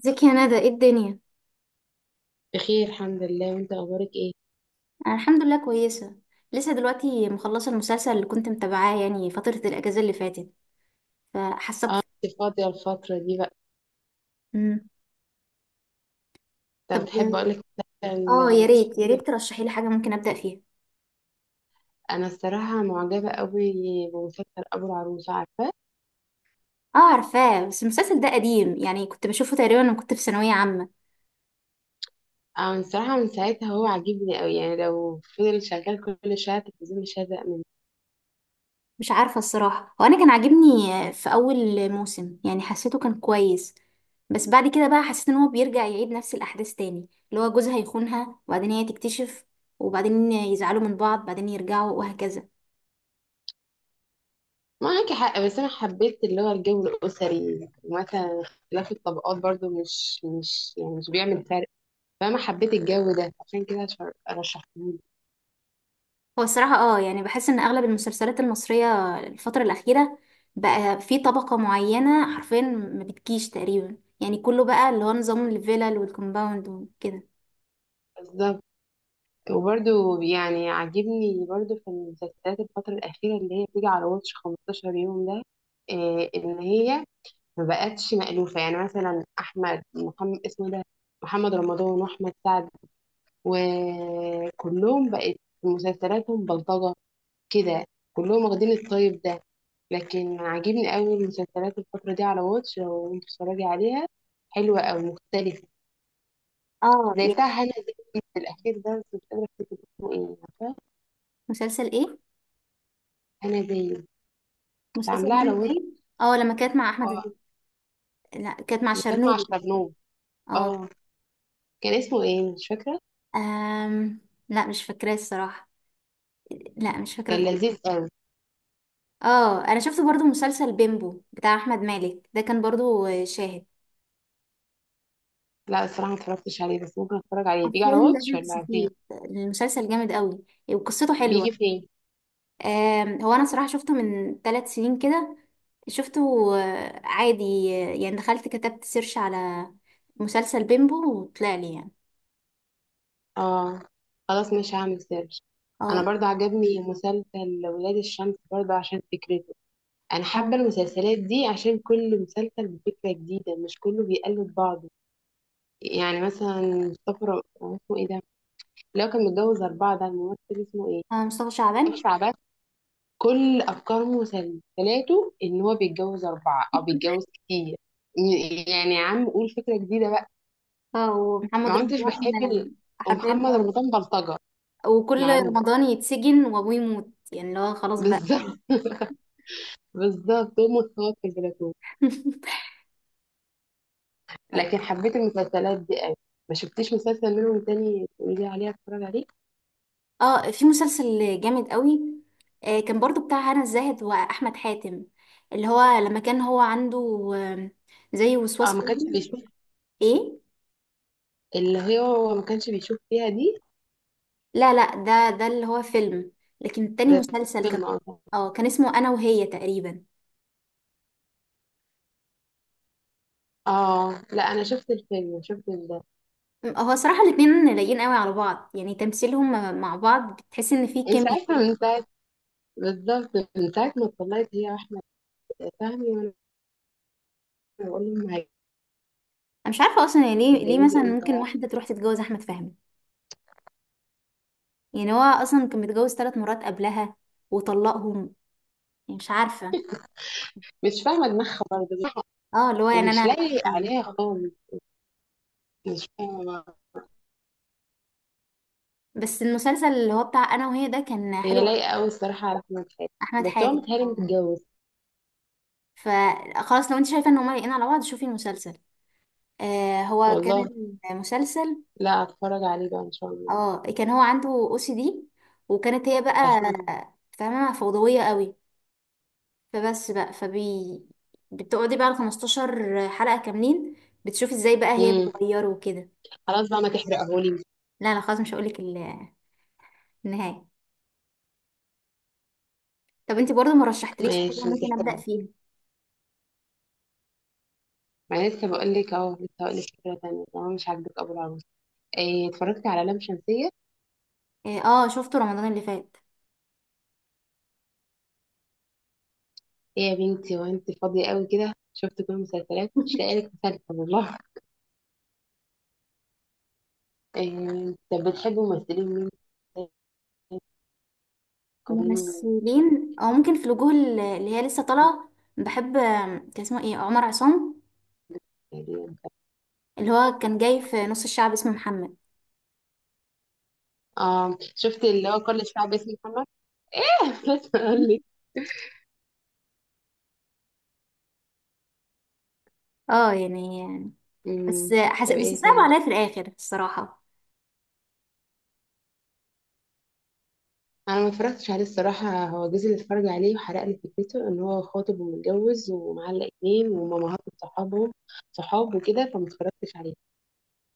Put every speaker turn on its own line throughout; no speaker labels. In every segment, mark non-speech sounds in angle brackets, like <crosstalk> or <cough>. ازيك يا ندى، ايه الدنيا؟
بخير الحمد لله، وانت اخبارك ايه؟
انا الحمد لله كويسه. لسه دلوقتي مخلصه المسلسل اللي كنت متابعاه يعني فتره الاجازه اللي فاتت، فحاسه
اه، انت فاضيه الفتره دي بقى؟
مم.
طب
طب
تحب اقول لك
اه،
مثلا
يا ريت يا
تتفرجي؟
ريت ترشحي لي حاجه ممكن ابدا فيها.
انا الصراحه معجبه قوي بمسلسل ابو العروسه، عارفاه؟
اه عارفاه، بس المسلسل ده قديم يعني كنت بشوفه تقريبا وانا كنت في ثانويه عامه.
اه، الصراحه من ساعتها هو عاجبني قوي، يعني لو فضل شغال كل شويه على التلفزيون مش هزهق منه.
مش عارفه الصراحه، هو انا كان عاجبني في اول موسم يعني حسيته كان كويس، بس بعد كده بقى حسيت ان هو بيرجع يعيد نفس الاحداث تاني، اللي هو جوزها يخونها وبعدين هي تكتشف، وبعدين يزعلوا من بعض بعدين يرجعوا وهكذا.
معاكي حق، بس انا حبيت اللي هو الجو الاسري، ومثلا اختلاف الطبقات برضو مش يعني مش بيعمل فرق. فانا حبيت الجو ده عشان كده رشحته.
هو الصراحة اه يعني بحس ان اغلب المسلسلات المصرية الفترة الأخيرة بقى في طبقة معينة حرفيا ما بتجيش تقريبا، يعني كله بقى اللي هو نظام الفيلل والكومباوند وكده.
بالظبط. وبرده يعني عاجبني برضو في المسلسلات الفترة الأخيرة اللي هي بتيجي على واتش 15 يوم ده، إيه إن هي ما بقتش مألوفة، يعني مثلا أحمد محمد اسمه ده، محمد رمضان وأحمد سعد، وكلهم بقت مسلسلاتهم بلطجة كده، كلهم واخدين الطيب ده. لكن عاجبني قوي المسلسلات الفترة دي على واتش، لو انت بتتفرجي عليها حلوة أو مختلفة.
اه
زي
يعني
بتاع هنا زاهد الأخير ده، بس مش قادرة أفتكر اسمه إيه، عارفة؟
مسلسل ايه؟
هنا زاهد، كنت
مسلسل
عاملاه على
هنا
ويب.
ازاي؟ اه لما كانت مع احمد
اه،
لا، كانت مع
اللي كانت مع
الشرنوبي تقريباً.
الشرنوب،
اه.
اه. كان اسمه ايه؟ مش فاكرة.
أم... لا مش فاكراه الصراحة، لا مش فاكرة
كان
خالص.
لذيذ قوي.
اه انا شفت برضو مسلسل بيمبو بتاع احمد مالك ده، كان برضو شاهد.
لا الصراحة ما اتفرجتش عليه، بس ممكن اتفرج عليه، بيجي
حرفيا
على واتش
لازم
ولا فين؟
تشوفيه، المسلسل جامد قوي وقصته
بيجي
حلوة.
فين؟
هو انا صراحة شفته من 3 سنين كده، شفته. آه، عادي. آه، يعني دخلت كتبت سيرش على مسلسل بيمبو وطلع لي يعني.
اه، خلاص مش هعمل سيرش. انا
اه.
برضه عجبني مسلسل ولاد الشمس برضه عشان فكرته. انا
اه.
حابة المسلسلات دي عشان كل مسلسل بفكرة جديدة، مش كله بيقلد بعضه. يعني مثلا اسمه ايه ده، اللي هو كان متجوز أربعة ده الممثل، اسمه ايه؟
آه، مصطفى
مصطفى
شعبان.
شعبان. كل افكار مسلسلاته ان هو بيتجوز اربعه او بيتجوز كتير، يعني يا عم قول فكره جديده بقى.
اه ومحمد
ما كنتش
رمضان.
بحب
آه،
ال. ومحمد
حرفيا.
رمضان بلطجه،
اه، وكل
معروف.
رمضان يتسجن وابوه يموت، يعني اللي هو
<laughs>
خلاص بقى.
بالظبط. بالظبط، هو متفوق في البلاتو.
<laughs>
لكن حبيت المسلسلات دي قوي. ما شفتيش مسلسل منهم تاني تقولي لي عليه اتفرج عليه؟
اه في مسلسل جامد قوي. آه، كان برضو بتاع هنا الزاهد واحمد حاتم، اللي هو لما كان هو عنده زي وسواس
اه، ما كانش
قهري.
بيشوف،
ايه.
اللي هي هو ما كانش بيشوف فيها دي.
لا لا، ده اللي هو فيلم، لكن التاني
ده
مسلسل كان.
فيلم اصلا.
اه كان اسمه انا وهي تقريبا.
اه لا، انا شفت الفيلم، شفت ال.
هو صراحة الاتنين لايقين قوي على بعض، يعني تمثيلهم مع بعض بتحس ان في
من
كيمياء
ساعتها
كده.
من ساعه بالظبط من ساعة ما اتطلقت هي، فاهمة؟ وانا بقول لهم
انا مش عارفة اصلا يعني ليه، ليه مثلا
هيتجوزوا
ممكن
امتى؟
واحدة تروح تتجوز احمد فهمي. يعني هو اصلا كان متجوز 3 مرات قبلها وطلقهم، يعني مش عارفة.
مش فاهمة دماغها برضه،
اه، اللي هو يعني
ومش
انا.
لايق عليها خالص، مش فاهمة بقى.
بس المسلسل اللي هو بتاع انا وهي ده كان حلو
هي
قوي.
لايقة أوي الصراحة على أحمد حاتم،
احمد
بس هو
حاتم،
متهيألي
اه.
متجوز.
فخلاص، لو انت شايفة ان هما لايقين على بعض شوفي المسلسل. آه هو كان
والله،
المسلسل.
لا هتفرج عليه بقى إن شاء الله،
اه كان هو عنده او CD، وكانت هي بقى
هشوف.
فاهمة فوضوية قوي، فبس بقى بتقعدي بقى ال 15 حلقة كاملين، بتشوفي ازاي بقى هي
امم
بتغيره وكده.
خلاص بقى ما تحرقهولي.
لا لا خلاص، مش هقولك النهاية. طب انتي برضو ما رشحتليش حاجة
ماشي ما
ممكن أبدأ
تحرقه.
فيها؟
ما أنا لسه بقول لك اهو، لسه هقول لك فكرة تانية طالما مش عاجبك أبو العروس. إيه، اتفرجتي على لام شمسية؟
اه. آه، شفته رمضان اللي فات.
إيه يا بنتي، وأنت فاضية أوي كده شفت كل المسلسلات مش لاقي
<laughs>
لك مسلسل والله! إيه؟ طب بتحبي ممثلين مين قرين شفت؟
ممثلين او ممكن في الوجوه اللي هي لسه طالعة. بحب كان اسمه ايه، عمر عصام، اللي هو كان جاي في نص الشعب اسمه محمد.
اه، شفت اللي هو كل الشعب اسمه محمد. <laughs> بس اقول لك.
اه يعني.
أمم،
بس
طب
بس
ايه
صعب
تاني؟
عليا في الاخر الصراحه.
انا ما اتفرجتش عليه الصراحه، هو جوزي اللي اتفرج عليه وحرق لي فكرته ان هو خاطب ومتجوز ومعلق اتنين ومامهات صحابهم صحاب وكده، فما اتفرجتش عليه،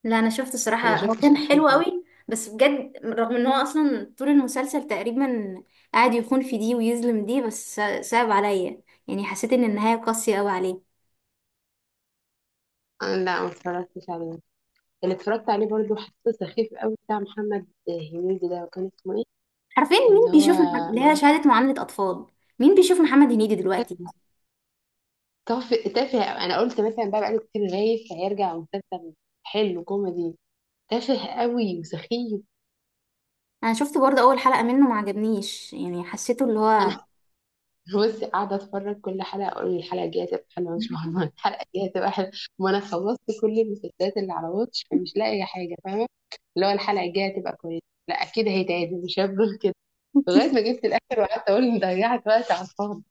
لا انا شفت
فما
الصراحه، هو كان
شفتش
حلو
اخرته.
قوي، بس بجد رغم ان هو اصلا طول المسلسل تقريبا قاعد يخون في دي ويظلم دي، بس صعب عليا، يعني حسيت ان النهايه قاسيه قوي عليه.
أنا لا، ما اتفرجتش عليه. اللي اتفرجت عليه برضه حسيته سخيف قوي بتاع محمد هنيدي ده، وكان اسمه ايه
عارفين مين
اللي هو
بيشوف اللي
معاه؟
هي شهاده معامله اطفال؟ مين بيشوف محمد هنيدي دلوقتي؟
تافه تافه أوي. انا قلت مثلا بقى بقاله كتير غايب، فهيرجع مسلسل حلو كوميدي. تافه قوي وسخيف.
انا شفت برضه اول حلقه منه ما عجبنيش، يعني حسيته اللي هو.
انا <laughs> بصي قاعده اتفرج كل حلقه اقول الحلقه الجايه هتبقى حلوه ان شاء الله، الحلقه الجايه هتبقى حلوه. ما انا خلصت كل المسلسلات اللي على واتش، فمش لاقيه حاجه فاهمه. اللي هو الحلقه الجايه هتبقى كويسه، لا اكيد هيتعادل مش هفضل كده. لغايه ما
<laughs>
جبت الاخر وقعدت اقول إن ضيعت وقت على الفاضي.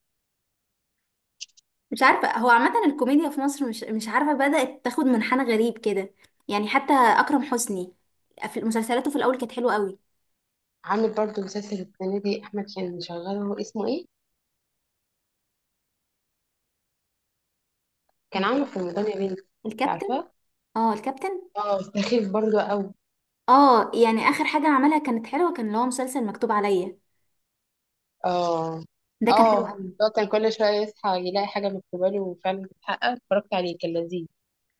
مش عارفة، هو عامة الكوميديا في مصر مش عارفة بدأت تاخد منحنى غريب كده. يعني حتى أكرم حسني في مسلسلاته في الأول كانت حلوة قوي.
عامل برضه مسلسل السنه دي احمد، كان مشغله، هو اسمه ايه؟ كان عامله في رمضان يا بنتي مش
الكابتن.
عارفاه.
اه الكابتن.
اه، سخيف برضو قوي.
اه يعني آخر حاجة عملها كانت حلوة، كان اللي هو مسلسل مكتوب عليا،
اه،
ده كان حلو
اه،
قوي.
ده كان كل شوية يصحى يلاقي حاجة مكتوبة له وفعلا بتتحقق، اتفرجت عليه كان لذيذ.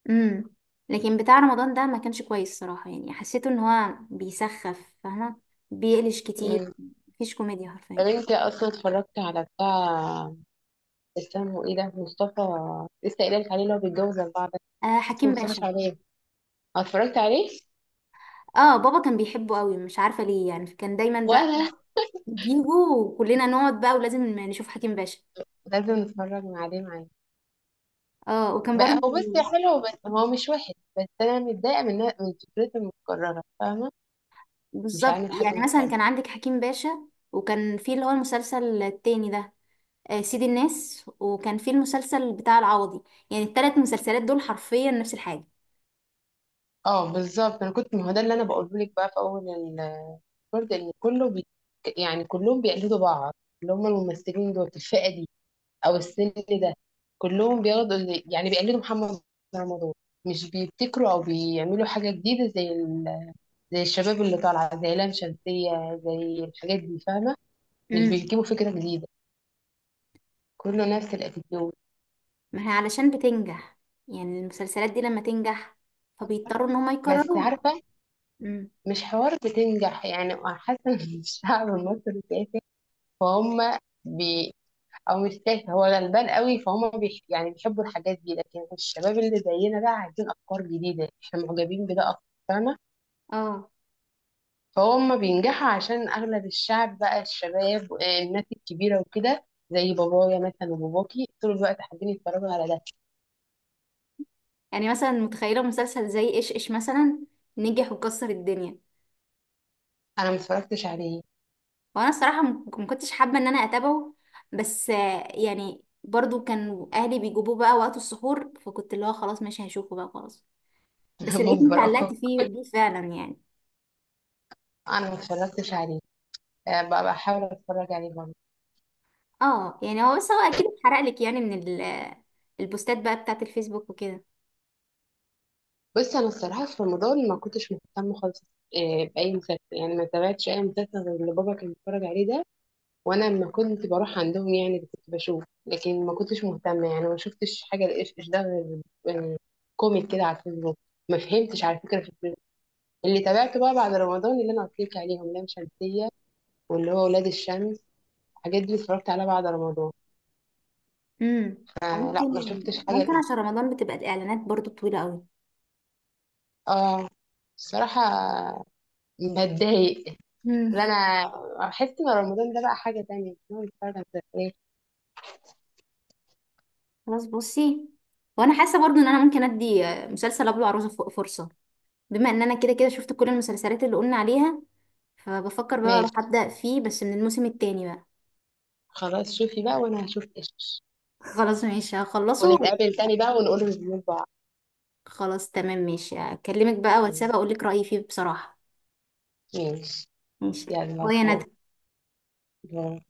امم. لكن بتاع رمضان ده ما كانش كويس صراحة، يعني حسيته ان هو بيسخف، فاهمة، بيقلش كتير.
مم.
مفيش كوميديا
طب
حرفيا.
انت اصلا اتفرجت على بتاع اسمه ايه ده مصطفى، لسه قايله لك عليه اللي هو بيتجوز اربعه ده،
آه
اسمه
حكيم
مصطفى
باشا.
شعبان. آه، اتفرجت عليه،
اه بابا كان بيحبه قوي، مش عارفة ليه، يعني كان دايما بقى
وانا
نجيبه وكلنا نقعد بقى، ولازم نشوف حكيم باشا.
لازم نتفرج عليه معايا
اه وكان
بقى.
برضه.
هو بس حلو، بس هو مش وحش، بس انا متضايقه من فكرته المتكرره، فاهمه؟ مش
بالظبط،
عامل حاجه
يعني مثلا
مختلفه.
كان عندك حكيم باشا، وكان في اللي هو المسلسل التاني ده، آه، سيد الناس، وكان في المسلسل بتاع العوضي. يعني التلات مسلسلات دول حرفيا نفس الحاجة.
اه بالظبط، انا كنت، ما هو ده اللي انا بقوله لك بقى في اول برضه، ان كله بي. يعني كلهم بيقلدوا بعض، اللي هم الممثلين دول في الفئه دي او السن ده، كلهم بياخدوا يعني بيقلدوا محمد رمضان. مش بيبتكروا او بيعملوا حاجه جديده زي ال، زي الشباب اللي طالعه زي لام شمسيه زي الحاجات دي، فاهمه؟ مش
امم.
بيجيبوا فكره جديده، كله نفس الاتيتيود.
ما هي علشان بتنجح، يعني المسلسلات دي لما تنجح فبيضطروا ان هما
بس
يكرروها.
عارفه
امم.
مش حوار بتنجح، يعني حاسه ان <laughs> الشعب المصري تافه، فهم بي. او مش تافه، هو غلبان قوي، فهم بيح. يعني بيحبوا الحاجات دي، لكن الشباب اللي زينا بقى عايزين افكار جديده، احنا معجبين بده اكتر فاهمه.
اه
فهم بينجحوا عشان اغلب الشعب بقى الشباب، الناس الكبيره وكده زي بابايا مثلا وباباكي طول الوقت حابين يتفرجوا على ده.
يعني مثلا، متخيلة مسلسل زي ايش ايش مثلا نجح وكسر الدنيا.
انا ما اتفرجتش عليه.
وانا الصراحه ما كنتش حابه ان انا اتابعه، بس آه، يعني برضو كان اهلي بيجيبوه بقى وقت السحور، فكنت اللي هو خلاص ماشي هشوفه بقى خلاص.
<laughs>
بس لقيت
مجبر اخر.
اتعلقت فيه بيه فعلا يعني.
انا ما اتفرجتش عليه، بقى بحاول اتفرج عليه برضه.
اه يعني، هو بس هو اكيد اتحرق لك يعني من البوستات بقى بتاعت الفيسبوك وكده.
بس انا الصراحه في رمضان ما كنتش مهتمه خالص باي مسلسل، يعني ما تابعتش اي مسلسل غير اللي بابا كان بيتفرج عليه ده، وانا لما كنت بروح عندهم يعني كنت بشوف، لكن ما كنتش مهتمه، يعني ما شفتش حاجه لايش ايش ده غير كوميك كده على الفيسبوك. ما فهمتش على فكره في الفيسبوك. اللي تابعته بقى بعد رمضان اللي انا قلت لك عليهم، لام شمسيه واللي هو ولاد الشمس، الحاجات دي اتفرجت عليها بعد رمضان.
امم.
آه
ممكن،
لا، ما شفتش حاجه
ممكن
لإيه.
عشان رمضان بتبقى الاعلانات برضو طويله قوي.
اه الصراحه بتضايق. لا
امم.
انا احس ان رمضان ده بقى حاجه تانية إن هو نتفرج على مسلسلات.
خلاص بصي، وانا حاسه برضو ان انا ممكن ادي آه، مسلسل ابو العروسه فرصه، بما ان انا كده كده شفت كل المسلسلات اللي قلنا عليها، فبفكر بقى
ماشي،
اروح ابدا فيه بس من الموسم التاني بقى.
خلاص شوفي بقى وانا هشوف ايش،
<laughs> خلاص ماشي هخلصه.
ونتقابل تاني بقى ونقول ريفيو.
خلاص تمام، ماشي، اكلمك بقى واتساب اقول لك رايي فيه بصراحه.
ماشي،
ماشي.
يلا
باي يا
باي.
ندى.
باي.